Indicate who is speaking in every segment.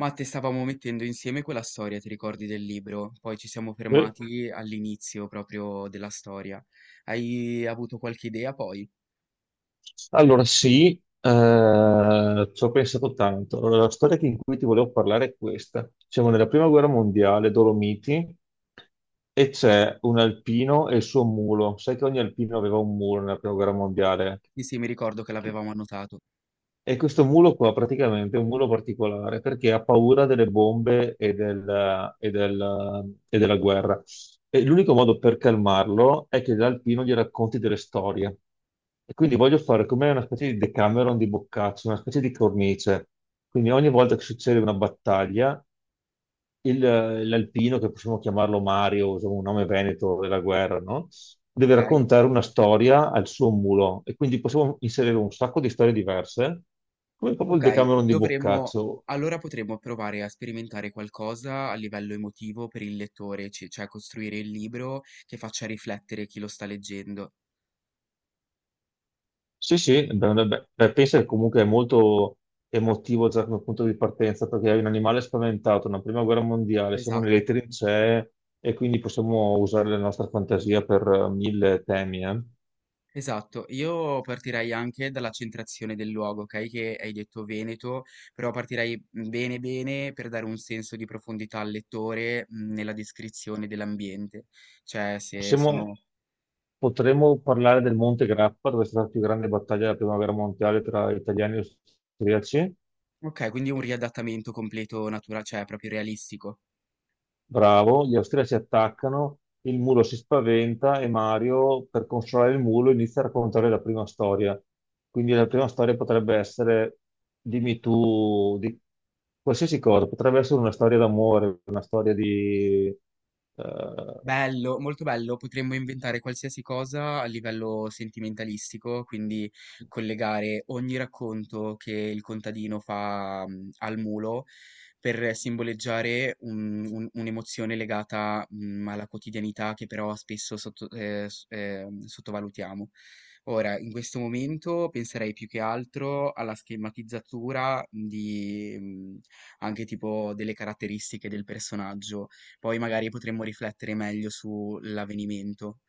Speaker 1: Matte, stavamo mettendo insieme quella storia, ti ricordi del libro? Poi ci siamo
Speaker 2: Eh,
Speaker 1: fermati all'inizio proprio della storia. Hai avuto qualche idea poi?
Speaker 2: Allora, sì, Ci ho pensato tanto. Allora, la storia in cui ti volevo parlare è questa. Siamo nella prima guerra mondiale, Dolomiti, e c'è un alpino e il suo mulo. Sai che ogni alpino aveva un mulo nella prima guerra mondiale?
Speaker 1: Sì, sì, mi ricordo che l'avevamo annotato.
Speaker 2: E questo mulo qua praticamente è un mulo particolare perché ha paura delle bombe e della guerra. E l'unico modo per calmarlo è che l'alpino gli racconti delle storie. E quindi voglio fare come una specie di Decameron di Boccaccio, una specie di cornice. Quindi ogni volta che succede una battaglia, il- l'alpino, che possiamo chiamarlo Mario, insomma, un nome veneto della guerra, no? Deve
Speaker 1: Ok?
Speaker 2: raccontare una storia al suo mulo e quindi possiamo inserire un sacco di storie diverse, come proprio il
Speaker 1: Ok,
Speaker 2: Decameron di
Speaker 1: dovremmo...
Speaker 2: Boccaccio.
Speaker 1: Allora potremmo provare a sperimentare qualcosa a livello emotivo per il lettore, cioè costruire il libro che faccia riflettere chi lo sta leggendo.
Speaker 2: Sì, sì, beh, beh, beh, beh, penso che comunque è molto emotivo già come punto di partenza, perché è un animale spaventato, una prima guerra mondiale, siamo nelle
Speaker 1: Esatto.
Speaker 2: trincee e quindi possiamo usare la nostra fantasia per mille temi.
Speaker 1: Esatto, io partirei anche dalla centrazione del luogo, ok? Che hai detto Veneto, però partirei bene bene per dare un senso di profondità al lettore nella descrizione dell'ambiente. Cioè, se
Speaker 2: Possiamo
Speaker 1: sono...
Speaker 2: Potremmo parlare del Monte Grappa, dove è stata la più grande battaglia della prima guerra mondiale tra italiani e austriaci.
Speaker 1: Ok, quindi un riadattamento completo naturale, cioè proprio realistico.
Speaker 2: Bravo, gli austriaci attaccano, il mulo si spaventa e Mario, per consolare il mulo, inizia a raccontare la prima storia. Quindi la prima storia potrebbe essere, dimmi tu, di qualsiasi cosa, potrebbe essere una storia d'amore, una storia di... eh,
Speaker 1: Bello, molto bello. Potremmo inventare qualsiasi cosa a livello sentimentalistico, quindi collegare ogni racconto che il contadino fa al mulo per simboleggiare un'emozione legata alla quotidianità che però spesso sottovalutiamo. Ora, in questo momento penserei più che altro alla schematizzatura di anche tipo delle caratteristiche del personaggio poi magari potremmo riflettere meglio sull'avvenimento.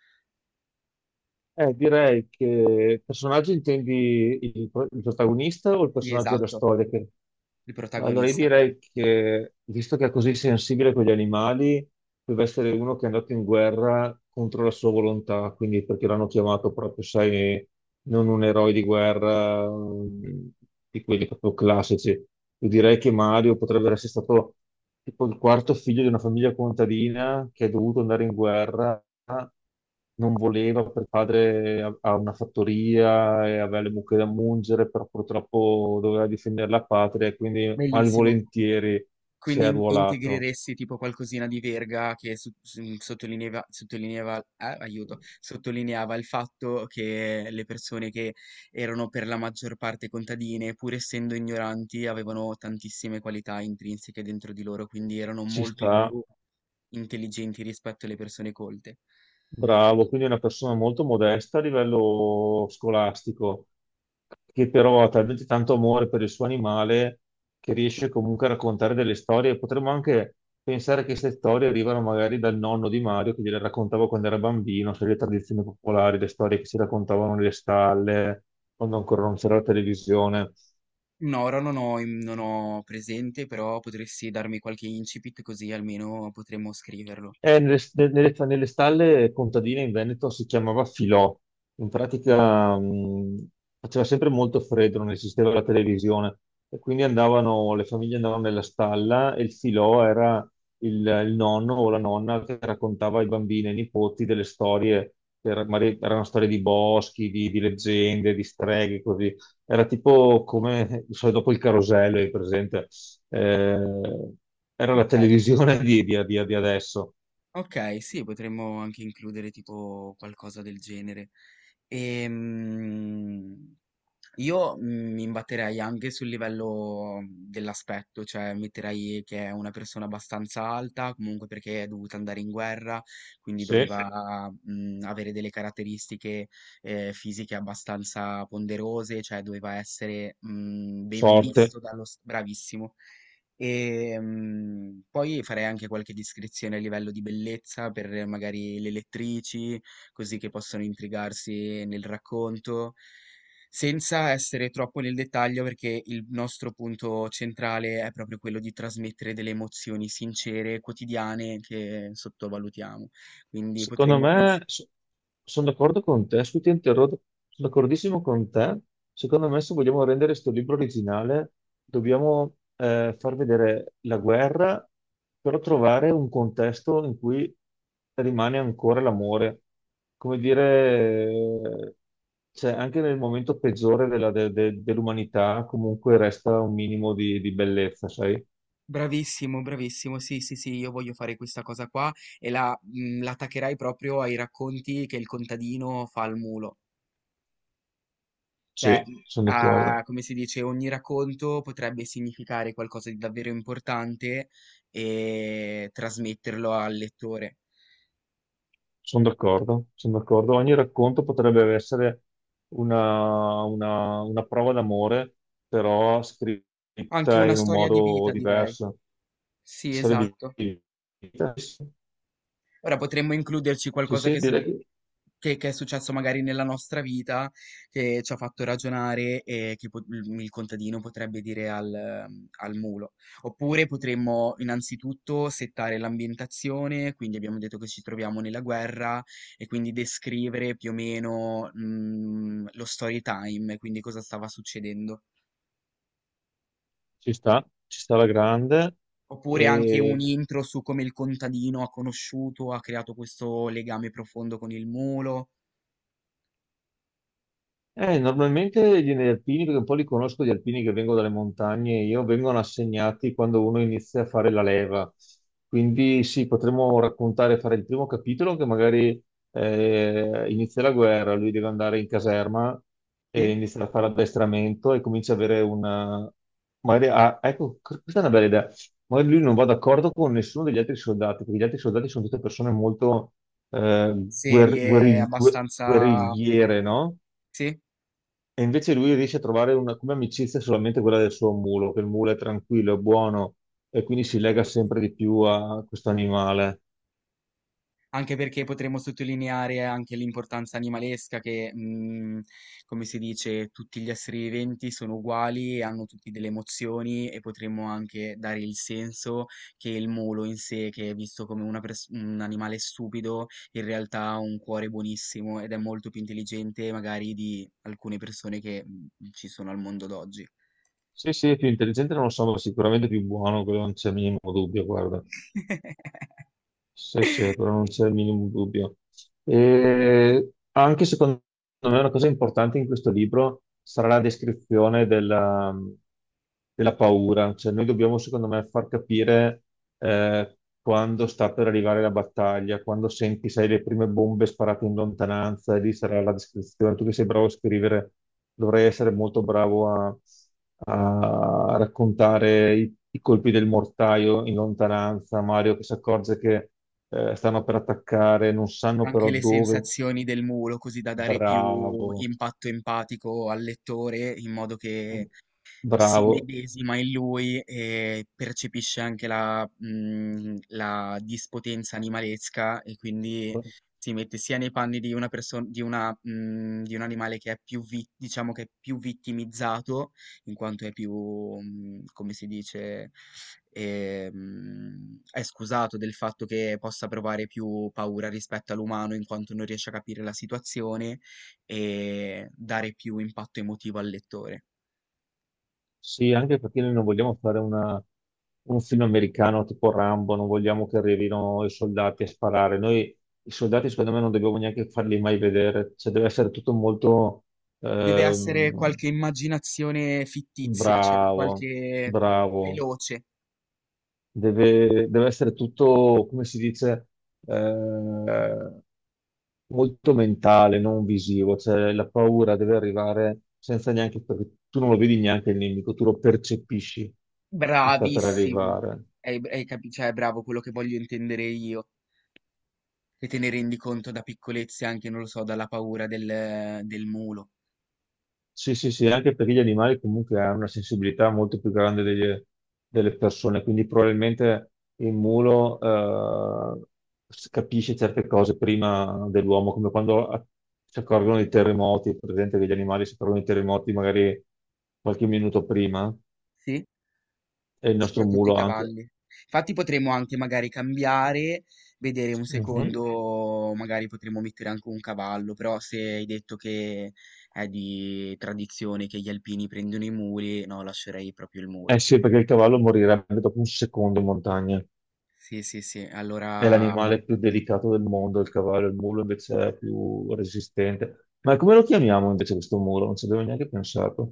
Speaker 2: Direi che personaggio intendi il protagonista o il
Speaker 1: Sì,
Speaker 2: personaggio della
Speaker 1: esatto,
Speaker 2: storia?
Speaker 1: il
Speaker 2: Allora, io
Speaker 1: protagonista.
Speaker 2: direi che, visto che è così sensibile con gli animali, deve essere uno che è andato in guerra contro la sua volontà, quindi perché l'hanno chiamato proprio, sai, non un eroe di guerra, mm, di quelli proprio classici. Io direi che Mario potrebbe essere stato tipo il quarto figlio di una famiglia contadina che è dovuto andare in guerra non voleva, per padre ha una fattoria e aveva le mucche da mungere, però purtroppo doveva difendere la patria e quindi
Speaker 1: Bellissimo.
Speaker 2: malvolentieri si
Speaker 1: Quindi
Speaker 2: è arruolato.
Speaker 1: integreresti tipo qualcosina di Verga che sottolineava, sottolineava il fatto che le persone che erano per la maggior parte contadine, pur essendo ignoranti, avevano tantissime qualità intrinseche dentro di loro, quindi erano
Speaker 2: Ci
Speaker 1: molto
Speaker 2: sta,
Speaker 1: più intelligenti rispetto alle persone colte.
Speaker 2: bravo, quindi è una persona molto modesta a livello scolastico, che però ha talmente tanto amore per il suo animale che riesce comunque a raccontare delle storie. Potremmo anche pensare che queste storie arrivano magari dal nonno di Mario che gliele raccontava quando era bambino, sai, le tradizioni popolari, le storie che si raccontavano nelle stalle, quando ancora non c'era la televisione.
Speaker 1: No, ora non ho presente, però potresti darmi qualche incipit così almeno potremmo scriverlo.
Speaker 2: Eh, nelle, Nelle stalle contadine in Veneto si chiamava Filò. In pratica, faceva sempre molto freddo, non esisteva la televisione e quindi andavano, le famiglie andavano nella stalla e il Filò era il nonno o la nonna che raccontava ai bambini e ai nipoti delle storie, magari erano storie di boschi, di leggende, di streghe, così. Era tipo come, non so, dopo il carosello, è presente? Eh, Era la
Speaker 1: Okay.
Speaker 2: televisione di adesso.
Speaker 1: Okay, sì, potremmo anche includere tipo qualcosa del genere. Ehm Io mi imbatterei anche sul livello dell'aspetto, cioè metterei che è una persona abbastanza alta, comunque perché è dovuta andare in guerra, quindi sì,
Speaker 2: Sì,
Speaker 1: doveva avere delle caratteristiche fisiche abbastanza ponderose, cioè doveva essere ben
Speaker 2: forte.
Speaker 1: visto dallo... Bravissimo. E poi farei anche qualche descrizione a livello di bellezza per magari le lettrici, così che possono intrigarsi nel racconto. Senza essere troppo nel dettaglio, perché il nostro punto centrale è proprio quello di trasmettere delle emozioni sincere, quotidiane, che sottovalutiamo. Quindi
Speaker 2: Secondo
Speaker 1: potremmo
Speaker 2: me,
Speaker 1: pensare.
Speaker 2: sono d'accordo con te, scusi, ti interrompo, sono d'accordissimo con te. Secondo me, se vogliamo rendere questo libro originale, dobbiamo far vedere la guerra, però trovare un contesto in cui rimane ancora l'amore. Come dire, cioè, anche nel momento peggiore dell'umanità, comunque resta un minimo di bellezza, sai?
Speaker 1: Bravissimo, bravissimo. Sì, sì, sì, io voglio fare questa cosa qua e la, la attaccherai proprio ai racconti che il contadino fa al mulo. Cioè,
Speaker 2: Sì, sono d'accordo.
Speaker 1: come si dice, ogni racconto potrebbe significare qualcosa di davvero importante e trasmetterlo al lettore.
Speaker 2: Sono d'accordo, sono d'accordo. Ogni racconto potrebbe essere una prova d'amore, però
Speaker 1: Anche
Speaker 2: scritta
Speaker 1: una
Speaker 2: in un
Speaker 1: storia di
Speaker 2: modo
Speaker 1: vita, direi.
Speaker 2: diverso.
Speaker 1: Sì,
Speaker 2: Storia di
Speaker 1: esatto.
Speaker 2: di vita. Sì,
Speaker 1: Ora potremmo includerci qualcosa
Speaker 2: sì,
Speaker 1: che,
Speaker 2: direi che
Speaker 1: che è successo magari nella nostra vita, che ci ha fatto ragionare e che il contadino potrebbe dire al, al mulo. Oppure potremmo innanzitutto settare l'ambientazione, quindi abbiamo detto che ci troviamo nella guerra e quindi descrivere più o meno, lo story time, quindi cosa stava succedendo.
Speaker 2: ci sta alla grande.
Speaker 1: Oppure anche un
Speaker 2: E
Speaker 1: intro su come il contadino ha conosciuto, ha creato questo legame profondo con il mulo.
Speaker 2: Normalmente gli alpini, perché un po' li conosco gli alpini che vengono dalle montagne, io vengono assegnati quando uno inizia a fare la leva. Quindi sì, potremmo raccontare, fare il primo capitolo che magari inizia la guerra, lui deve andare in caserma e
Speaker 1: Sì?
Speaker 2: inizia a fare addestramento e comincia a avere una... Magari, ah, ecco, questa è una bella idea. Magari lui non va d'accordo con nessuno degli altri soldati, perché gli altri soldati sono tutte persone molto eh,
Speaker 1: Serie abbastanza...
Speaker 2: guerrigliere, no?
Speaker 1: Sì?
Speaker 2: E invece lui riesce a trovare una, come amicizia solamente quella del suo mulo, che il mulo è tranquillo, è buono e quindi si lega sempre di più a questo animale.
Speaker 1: Anche perché potremmo sottolineare anche l'importanza animalesca che, come si dice, tutti gli esseri viventi sono uguali e hanno tutti delle emozioni e potremmo anche dare il senso che il mulo in sé, che è visto come una un animale stupido, in realtà ha un cuore buonissimo ed è molto più intelligente magari di alcune persone che ci sono al mondo d'oggi.
Speaker 2: Sì, sì, è più intelligente, non lo so, ma sicuramente più buono, quello non c'è minimo dubbio, guarda. Sì, sì, quello non c'è il minimo dubbio. E anche secondo me una cosa importante in questo libro sarà la descrizione della paura. Cioè, noi dobbiamo, secondo me, far capire quando sta per arrivare la battaglia, quando senti, sai, le prime bombe sparate in lontananza, e lì sarà la descrizione. Tu che sei bravo a scrivere, dovrei essere molto bravo a raccontare i colpi del mortaio in lontananza, Mario che si accorge che stanno per attaccare, non sanno però
Speaker 1: Anche le
Speaker 2: dove.
Speaker 1: sensazioni del mulo, così da dare
Speaker 2: Bravo,
Speaker 1: più impatto empatico al lettore, in modo che si
Speaker 2: bravo.
Speaker 1: medesima in lui e percepisce anche la, la dispotenza animalesca e quindi si mette sia nei panni di una perso di una di un animale che è più vi diciamo che è più vittimizzato, in quanto è più, come si dice, è scusato del fatto che possa provare più paura rispetto all'umano, in quanto non riesce a capire la situazione e dare più impatto emotivo al lettore.
Speaker 2: Sì, anche perché noi non vogliamo fare un film americano tipo Rambo, non vogliamo che arrivino i soldati a sparare. Noi i soldati, secondo me, non dobbiamo neanche farli mai vedere, cioè deve essere tutto molto
Speaker 1: Deve essere
Speaker 2: ehm,
Speaker 1: qualche immaginazione fittizia, cioè
Speaker 2: bravo,
Speaker 1: qualche
Speaker 2: bravo.
Speaker 1: veloce.
Speaker 2: Deve deve essere tutto, come si dice, eh, molto mentale, non visivo, cioè la paura deve arrivare senza neanche, perché tu non lo vedi neanche il nemico, tu lo percepisci che sta per
Speaker 1: Bravissimo.
Speaker 2: arrivare.
Speaker 1: Hai, cioè, è bravo quello che voglio intendere io. Che te ne rendi conto da piccolezze anche, non lo so, dalla paura del, del mulo.
Speaker 2: Sì, sì, sì, anche perché gli animali comunque hanno una sensibilità molto più grande delle persone, quindi probabilmente il mulo capisce certe cose prima dell'uomo, come quando si accorgono dei terremoti, è presente che gli animali si accorgono dei terremoti magari qualche minuto prima,
Speaker 1: Sì?
Speaker 2: e il nostro
Speaker 1: Soprattutto i
Speaker 2: mulo anche.
Speaker 1: cavalli. Infatti potremmo anche magari cambiare, vedere un
Speaker 2: Mhm.
Speaker 1: secondo, magari potremmo mettere anche un cavallo, però se hai detto che è di tradizione che gli alpini prendono i muli, no, lascerei proprio il
Speaker 2: Eh
Speaker 1: mulo.
Speaker 2: sì, perché il cavallo morirebbe dopo un secondo in montagna.
Speaker 1: Sì, sì, sì.
Speaker 2: È
Speaker 1: Allora,
Speaker 2: l'animale più delicato del mondo, il cavallo, il mulo invece è più resistente. Ma come lo chiamiamo invece questo mulo? Non ci avevo neanche pensato.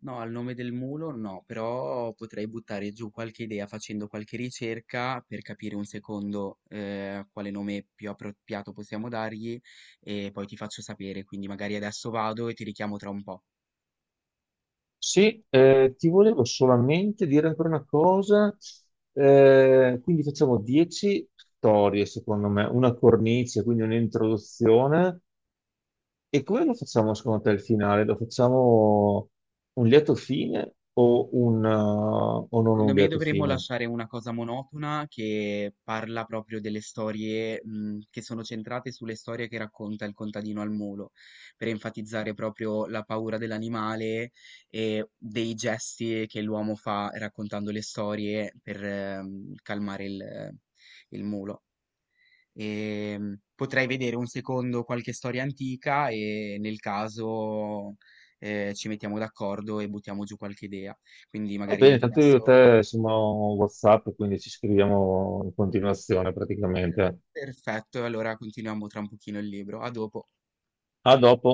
Speaker 1: no, al nome del mulo no, però potrei buttare giù qualche idea facendo qualche ricerca per capire un secondo quale nome più appropriato possiamo dargli e poi ti faccio sapere. Quindi magari adesso vado e ti richiamo tra un po'.
Speaker 2: Sì, ti volevo solamente dire ancora una cosa. Quindi facciamo 10 storie, secondo me, una cornice, quindi un'introduzione. E come lo facciamo secondo te il finale? Lo facciamo un lieto fine o non
Speaker 1: Secondo
Speaker 2: un
Speaker 1: me
Speaker 2: lieto
Speaker 1: dovremmo
Speaker 2: fine?
Speaker 1: lasciare una cosa monotona che parla proprio delle storie, che sono centrate sulle storie che racconta il contadino al mulo, per enfatizzare proprio la paura dell'animale e dei gesti che l'uomo fa raccontando le storie per, calmare il mulo. E, potrei vedere un secondo qualche storia antica e nel caso, ci mettiamo d'accordo e buttiamo giù qualche idea. Quindi
Speaker 2: Va
Speaker 1: magari
Speaker 2: bene, tanto io e
Speaker 1: adesso
Speaker 2: te siamo WhatsApp, quindi ci scriviamo in continuazione praticamente.
Speaker 1: Perfetto, allora continuiamo tra un pochino il libro. A dopo.
Speaker 2: A dopo.